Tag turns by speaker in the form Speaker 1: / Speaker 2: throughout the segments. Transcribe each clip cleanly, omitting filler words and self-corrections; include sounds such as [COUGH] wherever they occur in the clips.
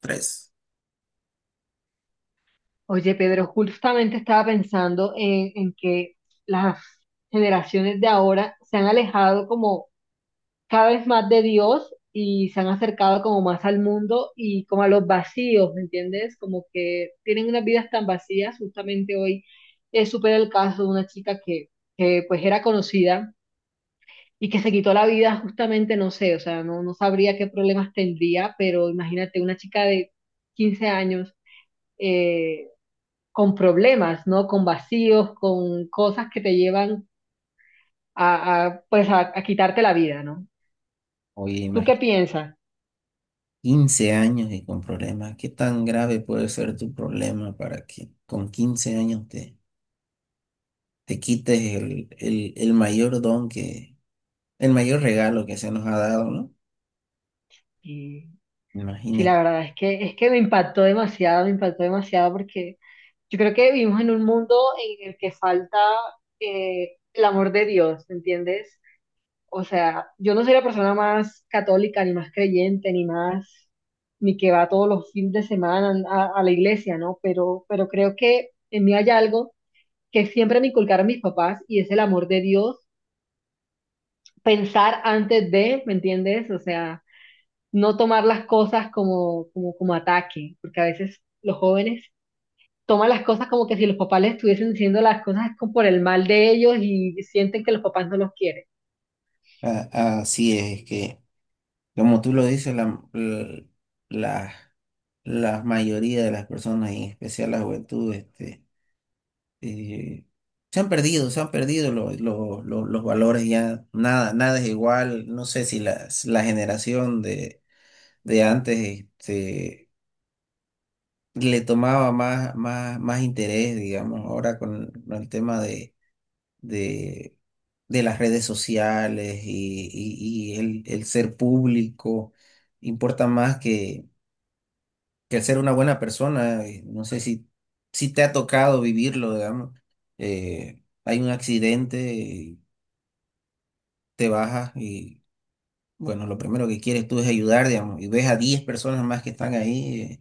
Speaker 1: Tres.
Speaker 2: Oye, Pedro, justamente estaba pensando en que las generaciones de ahora se han alejado como cada vez más de Dios y se han acercado como más al mundo y como a los vacíos, ¿me entiendes? Como que tienen unas vidas tan vacías. Justamente hoy supe el caso de una chica que pues era conocida y que se quitó la vida justamente, no sé, o sea, no sabría qué problemas tendría, pero imagínate una chica de 15 años eh, con problemas, ¿no? Con vacíos, con cosas que te llevan a quitarte la vida, ¿no?
Speaker 1: Oye,
Speaker 2: ¿Tú qué
Speaker 1: imagínate,
Speaker 2: piensas?
Speaker 1: 15 años y con problemas. ¿Qué tan grave puede ser tu problema para que con 15 años te quites el mayor regalo que se nos ha dado? ¿No?
Speaker 2: Y sí, la
Speaker 1: Imagínate.
Speaker 2: verdad es que me impactó demasiado porque yo creo que vivimos en un mundo en el que falta el amor de Dios, ¿entiendes? O sea, yo no soy la persona más católica, ni más creyente, ni que va todos los fines de semana a la iglesia, ¿no? Pero creo que en mí hay algo que siempre me inculcaron mis papás y es el amor de Dios, pensar antes de, ¿me entiendes? O sea, no tomar las cosas como ataque, porque a veces los jóvenes toman las cosas como que si los papás les estuviesen diciendo las cosas como por el mal de ellos y sienten que los papás no los quieren.
Speaker 1: Así es que, como tú lo dices, la, la mayoría de las personas, y en especial la juventud, eh, se han perdido los valores. Ya nada, nada es igual. No sé si la generación de antes, le tomaba más interés, digamos. Ahora con el tema de, de las redes sociales y el ser público, importa más que el ser una buena persona. No sé si te ha tocado vivirlo, digamos, hay un accidente, y te bajas y, bueno, lo primero que quieres tú es ayudar, digamos, y ves a 10 personas más que están ahí,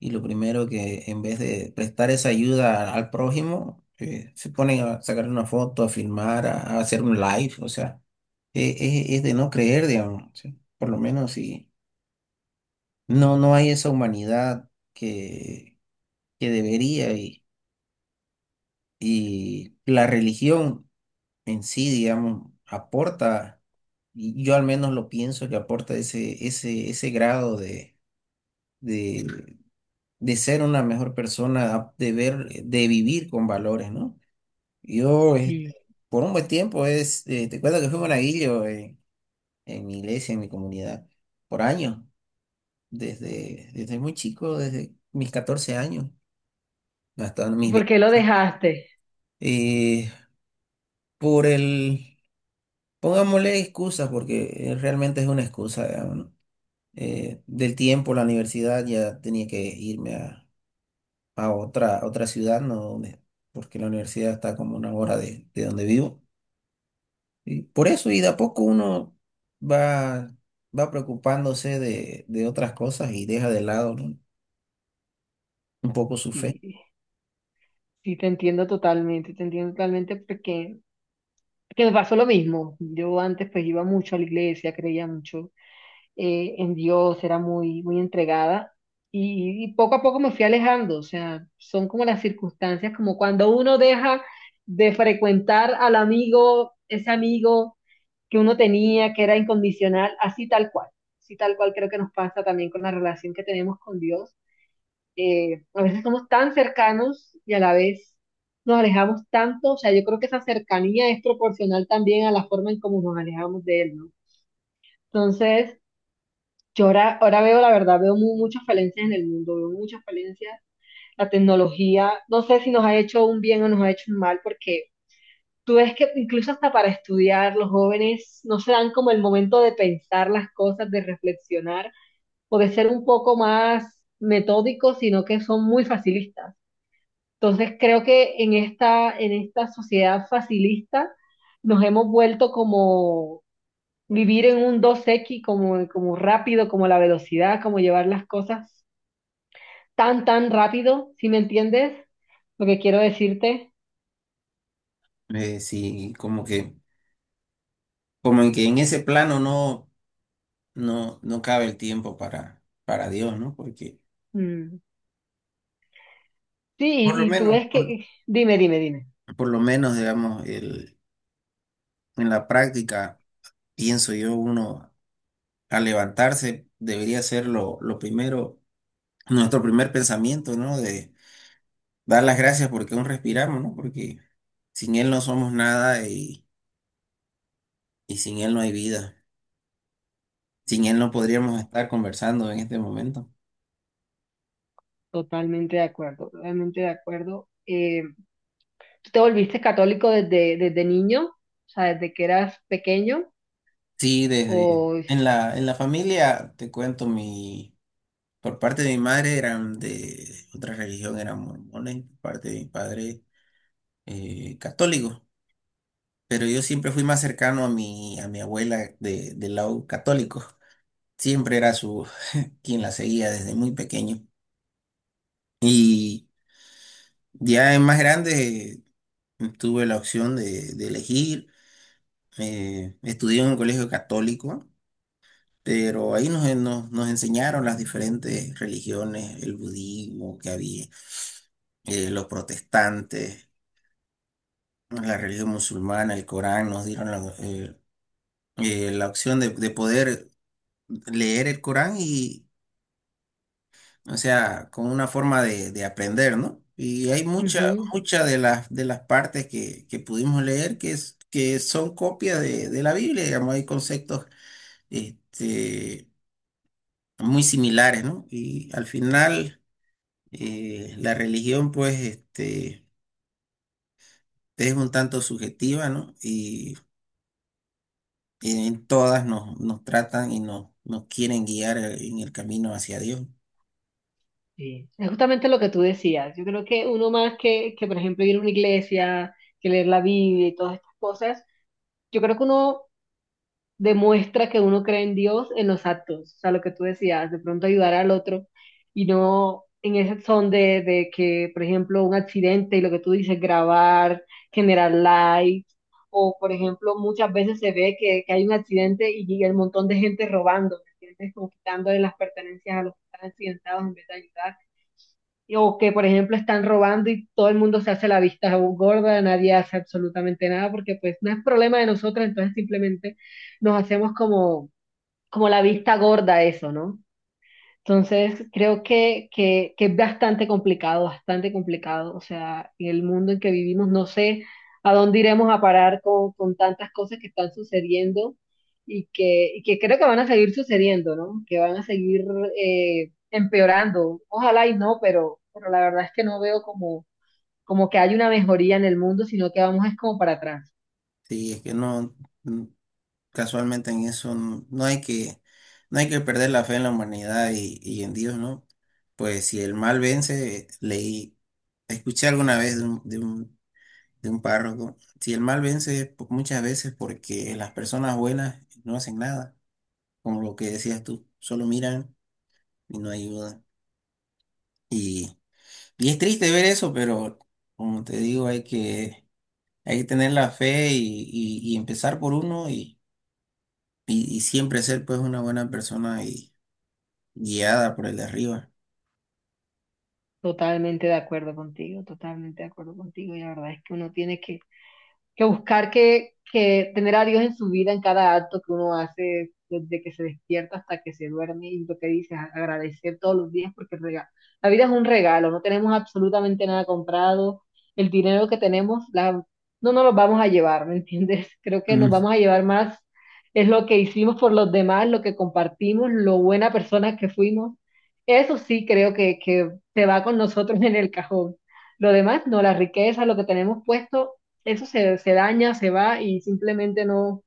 Speaker 1: y lo primero, que en vez de prestar esa ayuda al prójimo, se ponen a sacar una foto, a filmar, a hacer un live. O sea, es de no creer, digamos, ¿sí? Por lo menos, si no hay esa humanidad que debería. Y la religión en sí, digamos, aporta, y yo al menos lo pienso, que aporta ese grado de, de ser una mejor persona, de vivir con valores, ¿no? Yo,
Speaker 2: ¿Y,
Speaker 1: por un buen tiempo, te cuento que fui monaguillo en mi iglesia, en mi comunidad, por años, desde muy chico, desde mis 14 años hasta
Speaker 2: ¿Y
Speaker 1: mis
Speaker 2: por
Speaker 1: 20.
Speaker 2: qué lo dejaste?
Speaker 1: Eh, por el Pongámosle excusas porque, realmente es una excusa, digamos, ¿no? Del tiempo, la universidad, ya tenía que irme a otra ciudad, ¿no? Porque la universidad está como 1 hora de donde vivo. Y por eso, y de a poco uno va, va preocupándose de otras cosas, y deja de lado, ¿no?, un poco su fe.
Speaker 2: Sí, sí, te entiendo totalmente porque que me pasó lo mismo. Yo antes pues iba mucho a la iglesia, creía mucho en Dios, era muy entregada y poco a poco me fui alejando, o sea, son como las circunstancias, como cuando uno deja de frecuentar al amigo, ese amigo que uno tenía, que era incondicional, así tal cual creo que nos pasa también con la relación que tenemos con Dios. A veces somos tan cercanos y a la vez nos alejamos tanto, o sea, yo creo que esa cercanía es proporcional también a la forma en cómo nos alejamos de Él, ¿no? Entonces, ahora veo, la verdad, veo muchas falencias en el mundo, veo muchas falencias. La tecnología, no sé si nos ha hecho un bien o nos ha hecho un mal, porque tú ves que incluso hasta para estudiar, los jóvenes no se dan como el momento de pensar las cosas, de reflexionar o de ser un poco más metódicos, sino que son muy facilistas. Entonces creo que en esta sociedad facilista nos hemos vuelto como vivir en un dos x como rápido, como la velocidad, como llevar las cosas tan rápido, ¿si me entiendes? Lo que quiero decirte.
Speaker 1: Sí, como que, como en que en ese plano no cabe el tiempo para Dios, ¿no? Porque,
Speaker 2: Mm.
Speaker 1: por lo
Speaker 2: Y tú
Speaker 1: menos,
Speaker 2: ves
Speaker 1: por,
Speaker 2: que... Dime, dime, dime.
Speaker 1: por lo menos, digamos, en la práctica, pienso yo, uno al levantarse debería ser lo primero, nuestro primer pensamiento, ¿no? De dar las gracias porque aún respiramos, ¿no? Porque sin él no somos nada, y sin él no hay vida. Sin él no
Speaker 2: Sí,
Speaker 1: podríamos estar conversando en este momento.
Speaker 2: totalmente de acuerdo, totalmente de acuerdo. ¿Tú te volviste católico desde niño? O sea, desde que eras pequeño.
Speaker 1: Sí, desde
Speaker 2: O...
Speaker 1: en la familia, te cuento, por parte de mi madre eran de otra religión, eran mormones. Por parte de mi padre, católicos. Pero yo siempre fui más cercano a mi abuela del lado católico. Siempre era su quien la seguía desde muy pequeño. Y ya en más grande, tuve la opción de elegir. Estudié en un colegio católico, pero ahí nos enseñaron las diferentes religiones: el budismo que había, los protestantes, la religión musulmana, el Corán. Nos dieron la opción de poder leer el Corán o sea, como una forma de aprender, ¿no? Y hay mucha,
Speaker 2: Ujú,
Speaker 1: mucha de las partes que pudimos leer que son copias de la Biblia, digamos. Hay conceptos este, muy similares, ¿no? Y al final, la religión, pues, es un tanto subjetiva, ¿no? Y en todas nos tratan y nos quieren guiar en el camino hacia Dios.
Speaker 2: sí. Es justamente lo que tú decías. Yo creo que uno más por ejemplo, ir a una iglesia, que leer la Biblia y todas estas cosas, yo creo que uno demuestra que uno cree en Dios en los actos, o sea, lo que tú decías, de pronto ayudar al otro y no en ese son de que, por ejemplo, un accidente y lo que tú dices, grabar, generar likes, o por ejemplo, muchas veces se ve que hay un accidente y llega el montón de gente robando, ¿me entiendes? Como quitándole las pertenencias a los que están accidentados en vez de ayudar o que, por ejemplo, están robando y todo el mundo se hace la vista gorda, nadie hace absolutamente nada, porque pues no es problema de nosotros, entonces simplemente nos hacemos como, como la vista gorda a eso, ¿no? Entonces, creo que es bastante complicado, bastante complicado. O sea, en el mundo en que vivimos, no sé a dónde iremos a parar con tantas cosas que están sucediendo y que creo que van a seguir sucediendo, ¿no? Que van a seguir empeorando. Ojalá y no, pero la verdad es que no veo como, como que hay una mejoría en el mundo, sino que vamos es como para atrás.
Speaker 1: Sí, es que no. Casualmente en eso no hay que perder la fe en la humanidad y en Dios, ¿no? Pues si el mal vence, escuché alguna vez de un de un, de un párroco, si el mal vence, muchas veces, porque las personas buenas no hacen nada, como lo que decías tú, solo miran y no ayudan. Y, y es triste ver eso, pero como te digo, hay que tener la fe y empezar por uno, y siempre ser, pues, una buena persona y guiada por el de arriba.
Speaker 2: Totalmente de acuerdo contigo, totalmente de acuerdo contigo. Y la verdad es que uno tiene que buscar que tener a Dios en su vida en cada acto que uno hace, desde que se despierta hasta que se duerme, y lo que dices, agradecer todos los días, porque la vida es un regalo, no tenemos absolutamente nada comprado, el dinero que tenemos la, no nos lo vamos a llevar, ¿me entiendes? [LAUGHS] Creo que nos
Speaker 1: Mm.
Speaker 2: vamos a llevar más, es lo que hicimos por los demás, lo que compartimos, lo buena persona que fuimos, eso sí creo que se va con nosotros en el cajón. Lo demás, no, la riqueza, lo que tenemos puesto, se daña, se va y simplemente no,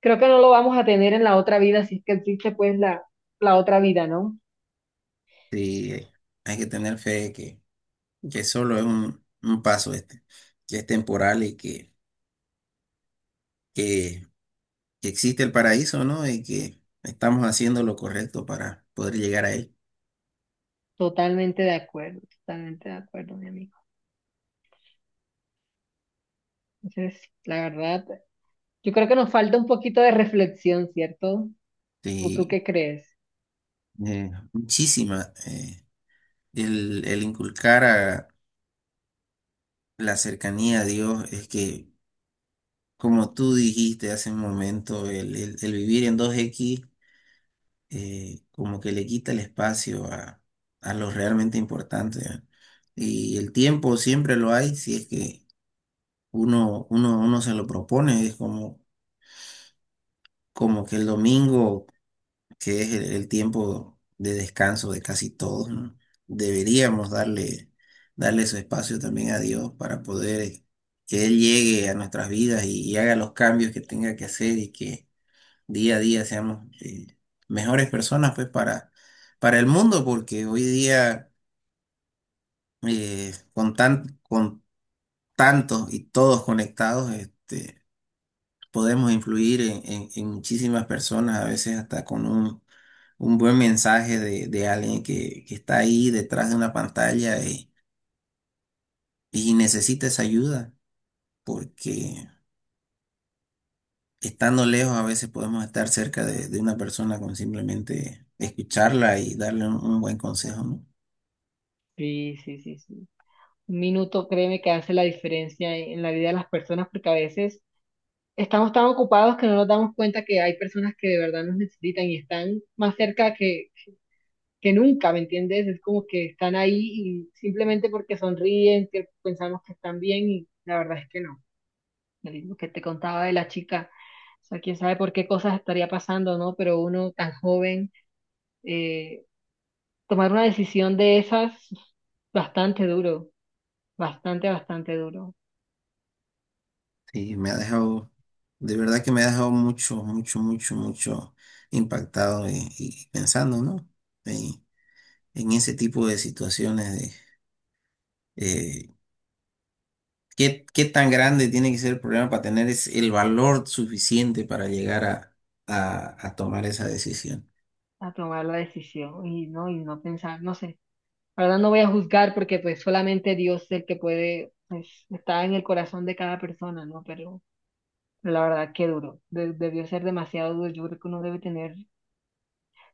Speaker 2: creo que no lo vamos a tener en la otra vida, si es que existe la otra vida, ¿no?
Speaker 1: Sí, hay que tener fe de que solo es un paso, que es temporal y que, que existe el paraíso, ¿no? Y que estamos haciendo lo correcto para poder llegar a él.
Speaker 2: Totalmente de acuerdo, mi amigo. Entonces, la verdad, yo creo que nos falta un poquito de reflexión, ¿cierto? ¿O tú
Speaker 1: Sí,
Speaker 2: qué crees?
Speaker 1: muchísima. El inculcar a la cercanía a Dios es que, como tú dijiste hace un momento, el vivir en 2x, como que le quita el espacio a lo realmente importante, ¿eh? Y el tiempo siempre lo hay, si es que uno se lo propone. Es como que el domingo, que es el tiempo de descanso de casi todos, ¿no? Deberíamos darle su espacio también a Dios para poder, que Él llegue a nuestras vidas y haga los cambios que tenga que hacer, y que día a día seamos, mejores personas, pues, para el mundo, porque hoy día, con tantos y todos conectados, podemos influir en muchísimas personas, a veces hasta con un buen mensaje de alguien que está ahí detrás de una pantalla y necesita esa ayuda, porque estando lejos a veces podemos estar cerca de una persona con simplemente escucharla y darle un buen consejo, ¿no?
Speaker 2: Sí, sí, sí, sí. Un minuto, créeme que hace la diferencia en la vida de las personas porque a veces estamos tan ocupados que no nos damos cuenta que hay personas que de verdad nos necesitan y están más cerca que nunca, ¿me entiendes? Es como que están ahí y simplemente porque sonríen, que pensamos que están bien y la verdad es que no. Lo mismo que te contaba de la chica, o sea, quién sabe por qué cosas estaría pasando, ¿no? Pero uno tan joven, eh, tomar una decisión de esas, bastante duro, bastante, bastante duro
Speaker 1: Sí, de verdad que me ha dejado mucho, mucho, mucho, mucho impactado y pensando, ¿no? En, en ese tipo de situaciones de ¿qué tan grande tiene que ser el problema para tener es el valor suficiente para llegar a tomar esa decisión?
Speaker 2: a tomar la decisión y no pensar, no sé. La verdad no voy a juzgar porque pues solamente Dios es el que puede, pues está en el corazón de cada persona, ¿no? Pero la verdad, qué duro. Debió ser demasiado duro. Yo creo que uno debe tener.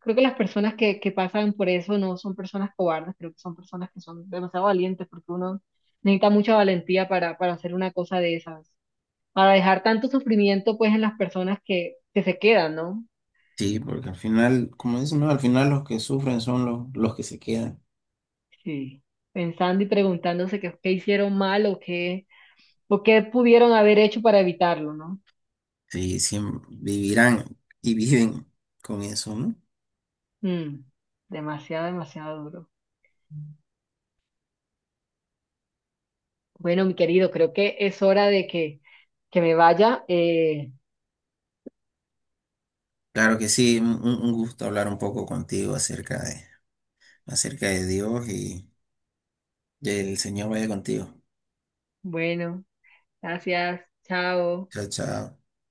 Speaker 2: Creo que las personas que pasan por eso no son personas cobardes, creo que son personas que son demasiado valientes, porque uno necesita mucha valentía para hacer una cosa de esas, para dejar tanto sufrimiento pues en las personas que se quedan, ¿no?
Speaker 1: Sí, porque al final, como dicen, ¿no? Al final los que sufren son los que se quedan.
Speaker 2: Sí. Pensando y preguntándose qué hicieron mal o qué pudieron haber hecho para evitarlo, ¿no?
Speaker 1: Sí, sí, vivirán y viven con eso, ¿no?
Speaker 2: Mm, demasiado, demasiado duro. Bueno, mi querido, creo que es hora que me vaya.
Speaker 1: Claro que sí, un gusto hablar un poco contigo acerca de Dios, y que el Señor vaya contigo.
Speaker 2: Bueno, gracias. Chao.
Speaker 1: Chao, chao.